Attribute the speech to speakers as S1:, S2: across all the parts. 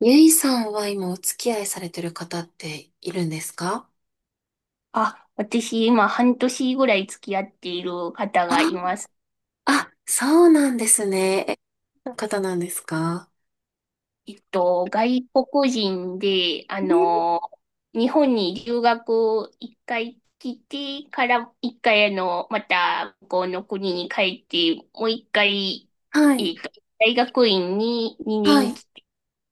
S1: ゆいさんは今お付き合いされてる方っているんですか？
S2: 私、今、半年ぐらい付き合っている方がい
S1: あ、
S2: ます。
S1: あ、そうなんですね。どんな方なんですか？
S2: 外国人で、
S1: ね。
S2: 日本に留学一回来てから、一回、また、向こうの国に帰って、もう一回、
S1: は
S2: えっ
S1: い。
S2: と、大学院に
S1: は
S2: 2年
S1: い。
S2: 来て、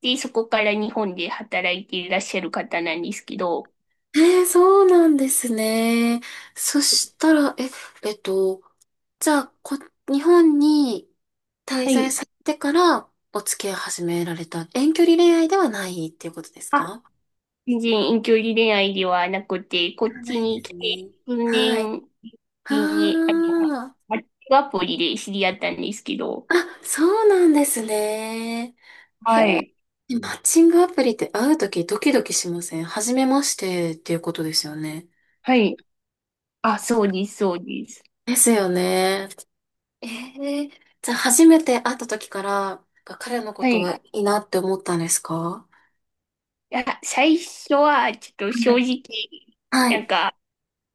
S2: で、そこから日本で働いていらっしゃる方なんですけど。
S1: そうなんですね。そしたら、えっと、じゃあ、日本に滞
S2: は
S1: 在
S2: い。
S1: されてからお付き合い始められた遠距離恋愛ではないっていうことです
S2: あ、
S1: か？
S2: 全然遠距離恋愛ではなくて、こ
S1: で
S2: っ
S1: はな
S2: ち
S1: いで
S2: に
S1: す
S2: 来て
S1: ね。
S2: 数
S1: はい。
S2: 年
S1: あ
S2: 前に、
S1: あ。
S2: マッチングアプリで知り合ったんですけど。
S1: あ、そうなんですね。へ
S2: は
S1: え。
S2: い。
S1: マッチングアプリって会うとき、ドキドキしません？初めましてっていうことですよね。
S2: はい。あ、そうです、そうです。
S1: ですよね。ええじゃあ初めて会ったときから、彼のこ
S2: は
S1: と
S2: い。
S1: は
S2: い
S1: いいなって思ったんですか？
S2: や、最初はちょっと
S1: は
S2: 正
S1: い。
S2: 直、
S1: は
S2: なん
S1: い。
S2: か、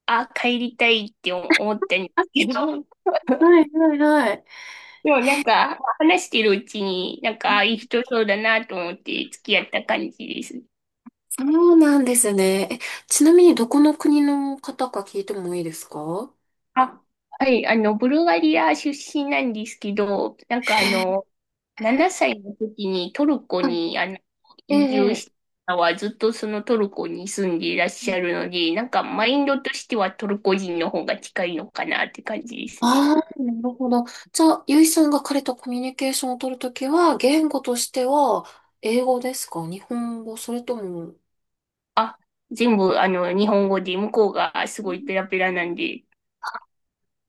S2: あ、帰りたいって思ったんですけど、
S1: はいはいはい。
S2: でも話してるうちに、あいい人そうだなと思って付き合った感じですね。
S1: そうなんですね。ちなみにどこの国の方か聞いてもいいですか？は
S2: あ、はい、ブルガリア出身なんですけど、7歳の時にトルコ
S1: い。
S2: に
S1: え
S2: 移住
S1: え。
S2: したのはずっとそのトルコに住んでいらっ
S1: え
S2: しゃるので、なんか
S1: え。
S2: マインドとしてはトルコ人の方が近いのかなって感じですね。
S1: ああ、なるほど。じゃあ、ゆいさんが彼とコミュニケーションを取るときは、言語としては、英語ですか？日本語？それとも、
S2: あ、全部日本語で向こうがすごいペラペラなんで。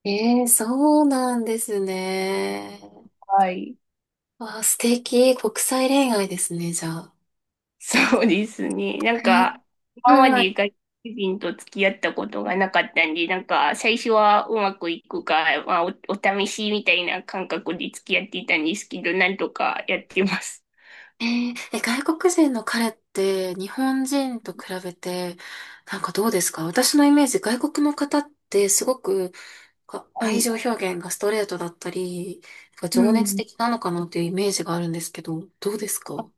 S1: ええー、そうなんですね。
S2: はい。
S1: わあ、素敵。国際恋愛ですね、じゃあ。
S2: そうですね。
S1: え
S2: 今ま
S1: はい。
S2: で外国人と付き合ったことがなかったんで、なんか、最初はうまくいくか、まあ、お試しみたいな感覚で付き合っていたんですけど、なんとかやってます。
S1: えーえ外国人の彼って日本人と比べて、なんかどうですか？私のイメージ、外国の方ってすごくか
S2: は
S1: 愛
S2: い。
S1: 情表現がストレートだったり、なんか
S2: う
S1: 情熱
S2: ん。
S1: 的なのかなっていうイメージがあるんですけど、どうです
S2: あ、
S1: か？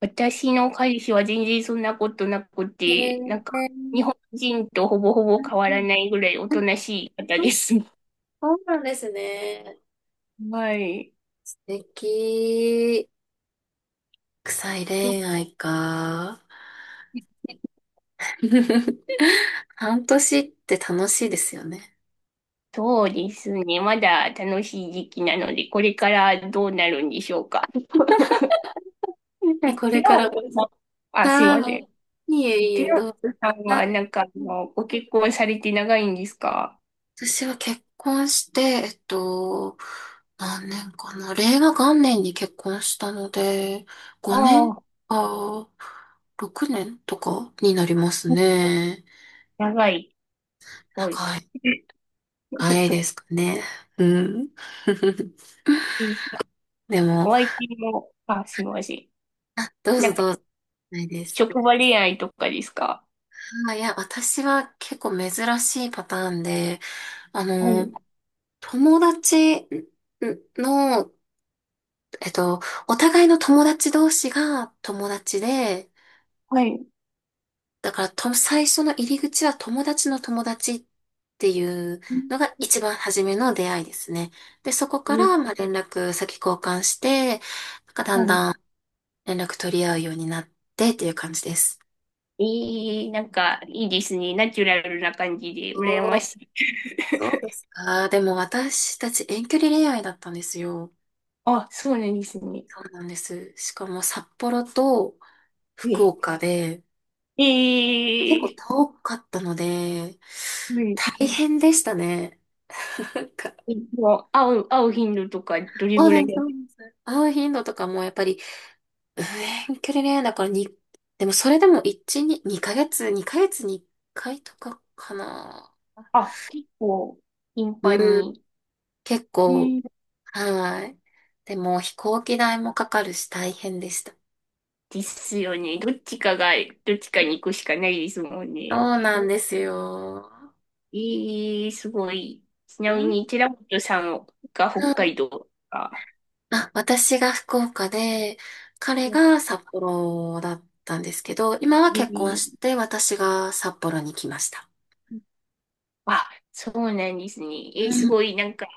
S2: 私の彼氏は全然そんなことなく
S1: へ
S2: て、なん
S1: え、
S2: か、日本人とほぼほ
S1: う
S2: ぼ変わら
S1: ん、
S2: ないぐらいおとなしい方です。
S1: そうなんですね。
S2: はい。
S1: 素敵。臭い
S2: でも
S1: 恋愛か。半年って楽しいですよね。
S2: そうですね。まだ楽しい時期なので、これからどうなるんでしょうか。え、
S1: ね、こ
S2: テ
S1: れ
S2: ィラ
S1: か
S2: ノ
S1: ら、
S2: さん、あ、すいません。
S1: はい。いえい
S2: ティ
S1: え、
S2: ラ
S1: どうぞ。
S2: ノさんは、
S1: はい。
S2: なんか、ご結婚されて長いんですか？
S1: 私は結婚して、何年かな。令和元年に結婚したので、
S2: あ
S1: 5年
S2: あ、
S1: か、6年とかになりますね。
S2: 長い。すごい。
S1: 長い、長いです かね。うん。
S2: え、
S1: でも、
S2: お相手も、あ、すいません。
S1: どう
S2: な
S1: ぞ
S2: んか、
S1: どうぞ。ないです。
S2: 職場恋愛とかですか？
S1: あ、いや、私は結構珍しいパターンで、あ
S2: は
S1: の、
S2: い、
S1: 友達の、えっと、お互いの友達同士が友達で、
S2: はい。
S1: だからと、最初の入り口は友達の友達っていう
S2: う
S1: のが
S2: ん。
S1: 一番初めの出会いですね。で、そこから、まあ、連絡先交換して、なんかだ
S2: は
S1: ん
S2: い。
S1: だん連絡取り合うようになってっていう感じです。
S2: えー、なんか、いいですね。ナチュラルな感じで、羨
S1: お
S2: ま
S1: ー、
S2: しい。
S1: そうです か。でも私たち遠距離恋愛だったんですよ。
S2: あ、そうなんですね。
S1: そうなんです。しかも札幌と 福
S2: え、
S1: 岡で
S2: え
S1: 結構
S2: ー、
S1: 遠かったので、
S2: はい。
S1: 大変でしたね。なんか
S2: もう、会う頻度とか、どれ
S1: そう
S2: ぐ
S1: で
S2: らい
S1: す、
S2: だ
S1: そ
S2: っ
S1: う
S2: け？
S1: ですね。会う頻度とかもやっぱり、うん、遠距離恋愛だからに、でもそれでも1、2、2ヶ月、2ヶ月に1回とかかな。
S2: あ、結構、頻繁
S1: うん、
S2: に。
S1: 結
S2: う
S1: 構、
S2: ん。
S1: はい。でも飛行機代もかかるし大変でした。
S2: ですよね。どっちかに行くしかないですもん
S1: そ
S2: ね。
S1: うなん
S2: お、
S1: ですよ。
S2: えー、すごい。ちな
S1: う
S2: み
S1: ん。
S2: に、寺本さんが北海道か。
S1: あ、私が福岡で、彼
S2: そう
S1: が
S2: か。
S1: 札幌だったんですけど、今は
S2: え
S1: 結婚し
S2: ー、
S1: て私が札幌に来ました。
S2: あ、そうなんですね。
S1: う
S2: えー、す
S1: ん。
S2: ごい、なんか、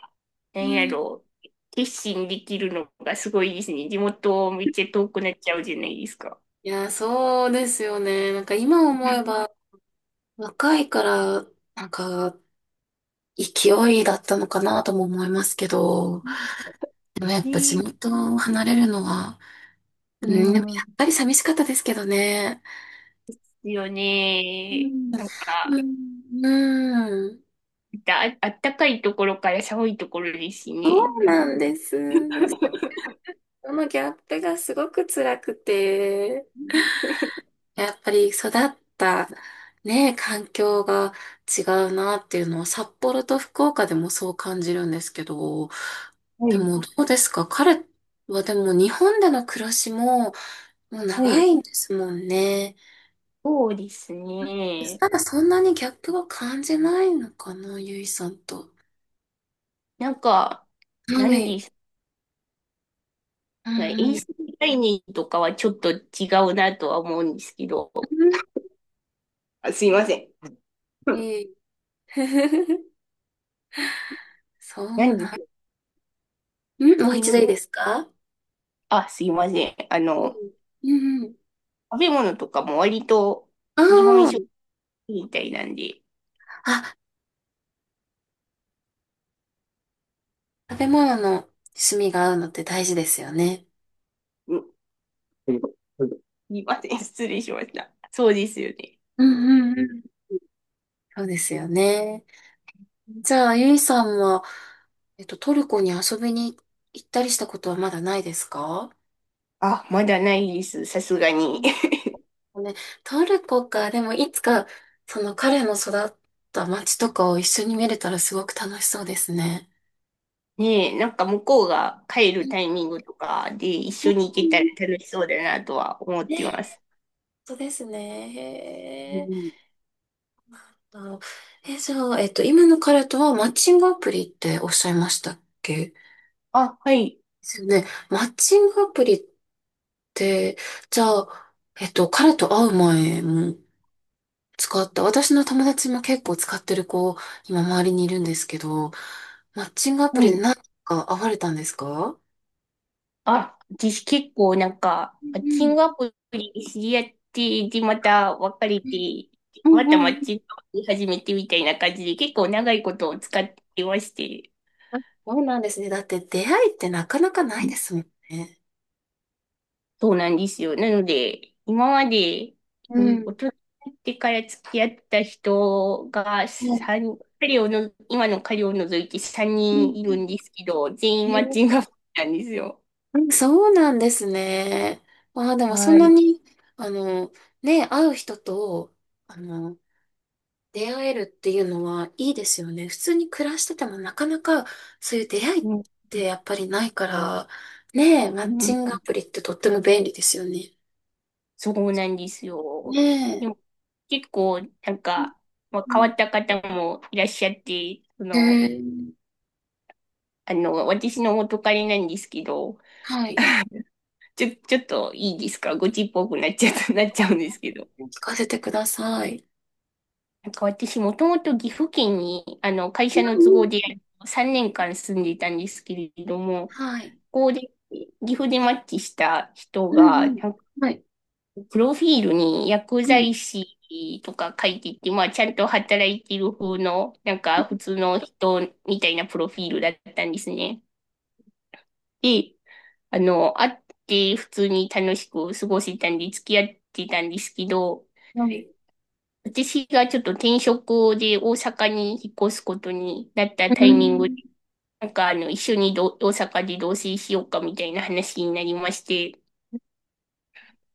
S2: なん
S1: う
S2: や
S1: ん、
S2: ろう。決心できるのがすごいですね。地元めっちゃ遠くなっちゃうじゃないですか。
S1: いや、そうですよね。なんか今思えば若いから、なんか勢いだったのかなとも思いますけど、でもやっぱ地
S2: ね、
S1: 元を離れるのは、うん、
S2: う
S1: でもや
S2: ん。
S1: っぱり寂しかったですけどね。
S2: ですよ
S1: う
S2: ね。
S1: ん、
S2: なんか、
S1: うん、うん、
S2: あったかいところから寒いところですし
S1: そ
S2: ね。
S1: う
S2: なんか。
S1: なんです。そのギャップがすごく辛くて。やっぱり育ったね、環境が違うなっていうのは札幌と福岡でもそう感じるんですけど、
S2: は
S1: で
S2: い、
S1: もどうですか？彼はでも日本での暮らしももう
S2: は
S1: 長
S2: い。
S1: いんですもんね。
S2: そうですね。
S1: ただそんなにギャップは感じないのかな、ゆいさんと。
S2: なんか、
S1: は
S2: 何で
S1: い。
S2: す
S1: う
S2: かね。衛
S1: ん、うん。
S2: 生概念とかはちょっと違うなとは思うんですけど。
S1: うん、
S2: あ、すいません。うん。
S1: いい。そう
S2: 何で
S1: な
S2: すか？
S1: ん。
S2: う
S1: もう一度
S2: ん。
S1: いいですか？
S2: あ、すいません。
S1: うん。うん、うん。
S2: 食べ物とかも割と日本食
S1: あ
S2: みたいなんで。
S1: あ。食べ物の趣味が合うのって大事ですよね。
S2: うん。うん。すいません。失礼しました。そうですよね。
S1: うん、うん、うん、そうですよね。じゃあ、ゆいさんは、トルコに遊びに行ったりしたことはまだないですか？
S2: あ、まだないです。さすがに。
S1: うん、ね、トルコか、でもいつか、その彼の育った街とかを一緒に見れたらすごく楽しそうですね。
S2: ねえ、なんか向こうが帰
S1: う
S2: る
S1: ん、
S2: タイミングとかで一緒に行けたら楽しそうだなとは思っ
S1: ね、
S2: てます。
S1: そうですね。
S2: う
S1: へー。
S2: ん、
S1: あのえ、じゃあ、今の彼とはマッチングアプリっておっしゃいましたっけ？
S2: あ、はい、
S1: ですよね。マッチングアプリって、じゃあ、彼と会う前も使った。私の友達も結構使ってる子、今周りにいるんですけど、マッチングアプ
S2: は
S1: リ
S2: い。
S1: で何か会われたんですか？
S2: あ、私結構なんか、
S1: う
S2: マッチン
S1: ん、
S2: グアプリで知り合って、で、また別れ
S1: うん、
S2: て、
S1: う
S2: ま
S1: ん、う
S2: たマ
S1: ん、う
S2: ッ
S1: ん、
S2: チングアプリ始めてみたいな感じで結構長いことを使ってまして。
S1: あ、そうなんですね。だって出会いってなかなかないですもんね。
S2: そうなんですよ。なので、今まで、え
S1: う
S2: ー
S1: ん、
S2: 大人になってから付き合った人が
S1: うん、
S2: 三彼をの、今の彼を除いて3
S1: う
S2: 人いる
S1: ん、
S2: んですけど、全員マッ
S1: ね、
S2: チングアプリなんですよ。
S1: うん、そうなんですね。ああ、でもそん
S2: は
S1: な
S2: い。
S1: に、あの、ね、会う人と、あの、出会えるっていうのはいいですよね。普通に暮らしててもなかなかそういう出会いっ
S2: うん、
S1: てやっぱりないから、ねえ、マ
S2: う
S1: ッチ
S2: ん。
S1: ングアプリってとっても便利ですよね。
S2: そうなんですよ。
S1: ね
S2: で
S1: え。
S2: も結構、なん
S1: うん、
S2: か、まあ、
S1: う
S2: 変わ
S1: ん、
S2: った方もいらっしゃって、そ
S1: へえ
S2: の、
S1: ー、
S2: 私の元彼なんですけど、
S1: はい。
S2: ちょっといいですか？ごちっぽくなっちゃった、なっちゃうんですけど。
S1: 聞かせてください。
S2: なんか私もともと岐阜県に会
S1: う
S2: 社の都
S1: ん、う
S2: 合で
S1: ん、
S2: 3年間住んでいたんですけれども、
S1: はい。
S2: ここで岐阜でマッチした人
S1: うん、
S2: が、
S1: うん。
S2: なんか
S1: はい。
S2: プロフィールに薬
S1: はい。
S2: 剤師とか書いてて、まあちゃんと働いてる風の、なんか普通の人みたいなプロフィールだったんですね。で、会って普通に楽しく過ごせたんで付き合ってたんですけど、
S1: はい。
S2: 私がちょっと転職で大阪に引っ越すことになった
S1: う
S2: タイミングで、
S1: ん。
S2: 一緒に大阪で同棲しようかみたいな話になりまして、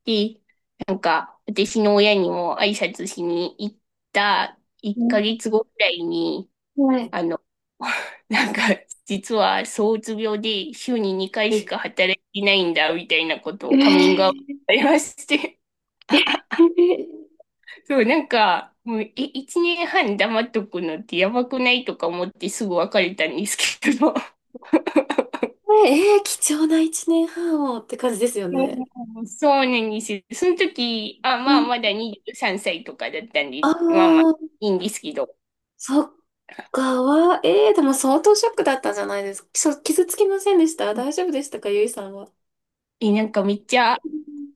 S2: で、なんか私の親にも挨拶しに行った
S1: う
S2: 1
S1: ん、
S2: ヶ月後くらいに、
S1: はい。
S2: あの、なんか実は躁うつ病で週に2回し
S1: ええ
S2: か働いてないんだみたいなことをカミングアウト
S1: ー。
S2: されまして、そう、なんか、もう、え、1年半黙っとくのってやばくない？とか思ってすぐ別れたんですけど。うん。
S1: ええー、貴重な一年半をって感じですよね。
S2: そうなんですよ。その時、あ、
S1: う
S2: まあ、
S1: ん。
S2: まだ23歳とかだったん
S1: あ
S2: で、まあまあ、
S1: あ。
S2: いいんですけど。
S1: そっかは、ええー、でも相当ショックだったんじゃないですか？傷つきませんでした？大丈夫でしたか？ゆいさんは。
S2: え、なんかめっちゃ、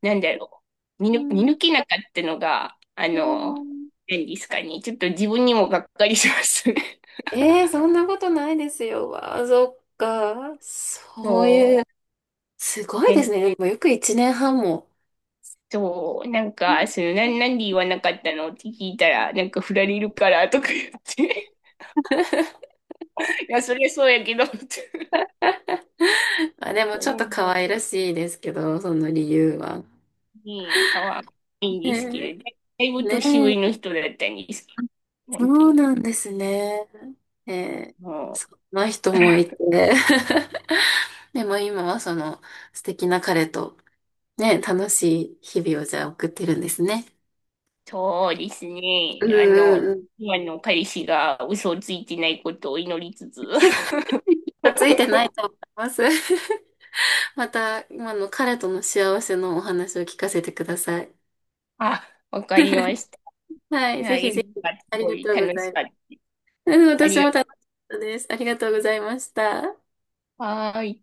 S2: なんだろう。
S1: う
S2: 見
S1: ん、
S2: 抜けなかったのが、
S1: うん、
S2: 何ですかね。ちょっと自分にもがっかりしますね。
S1: ええー、そんなことないですよ。わあ、そっか。そうい
S2: そ
S1: う、すごいです
S2: う。
S1: ね。もうよく一年半も。
S2: そう、なん
S1: うん。
S2: か、その、なんで言わなかったのって聞いたら、なんか振られるからとか言って、いや、それそうやけど、って。
S1: あ、でも
S2: う
S1: ちょっ
S2: ん。
S1: と可愛らしいですけど、その理由は。
S2: ねえ、かわいいんです
S1: ね
S2: けど、だい
S1: え、
S2: ぶ年
S1: ね
S2: 上の
S1: え、
S2: 人だったんですけど、
S1: そ
S2: 本当
S1: う
S2: に。
S1: なんですね。ええ、
S2: もう、
S1: そんな人もいて。でも今はその素敵な彼とね、楽しい日々をじゃあ送ってるんですね。
S2: そうですね。
S1: うん、うん、うん。
S2: 今の彼氏が嘘をついてないことを祈りつつ。
S1: きっとついてないと 思います。また今の彼との幸せのお話を聞かせてください。
S2: あ、わかりました。
S1: はい、
S2: い
S1: ぜ
S2: や、
S1: ひぜ
S2: よ
S1: ひ。
S2: かった。す
S1: あり
S2: ご
S1: が
S2: い
S1: とうご
S2: 楽
S1: ざ
S2: し
S1: います。
S2: かった。
S1: うん、
S2: あ
S1: 私
S2: りが
S1: も
S2: と
S1: 楽しかったです。ありがとうございました。
S2: う。はーい。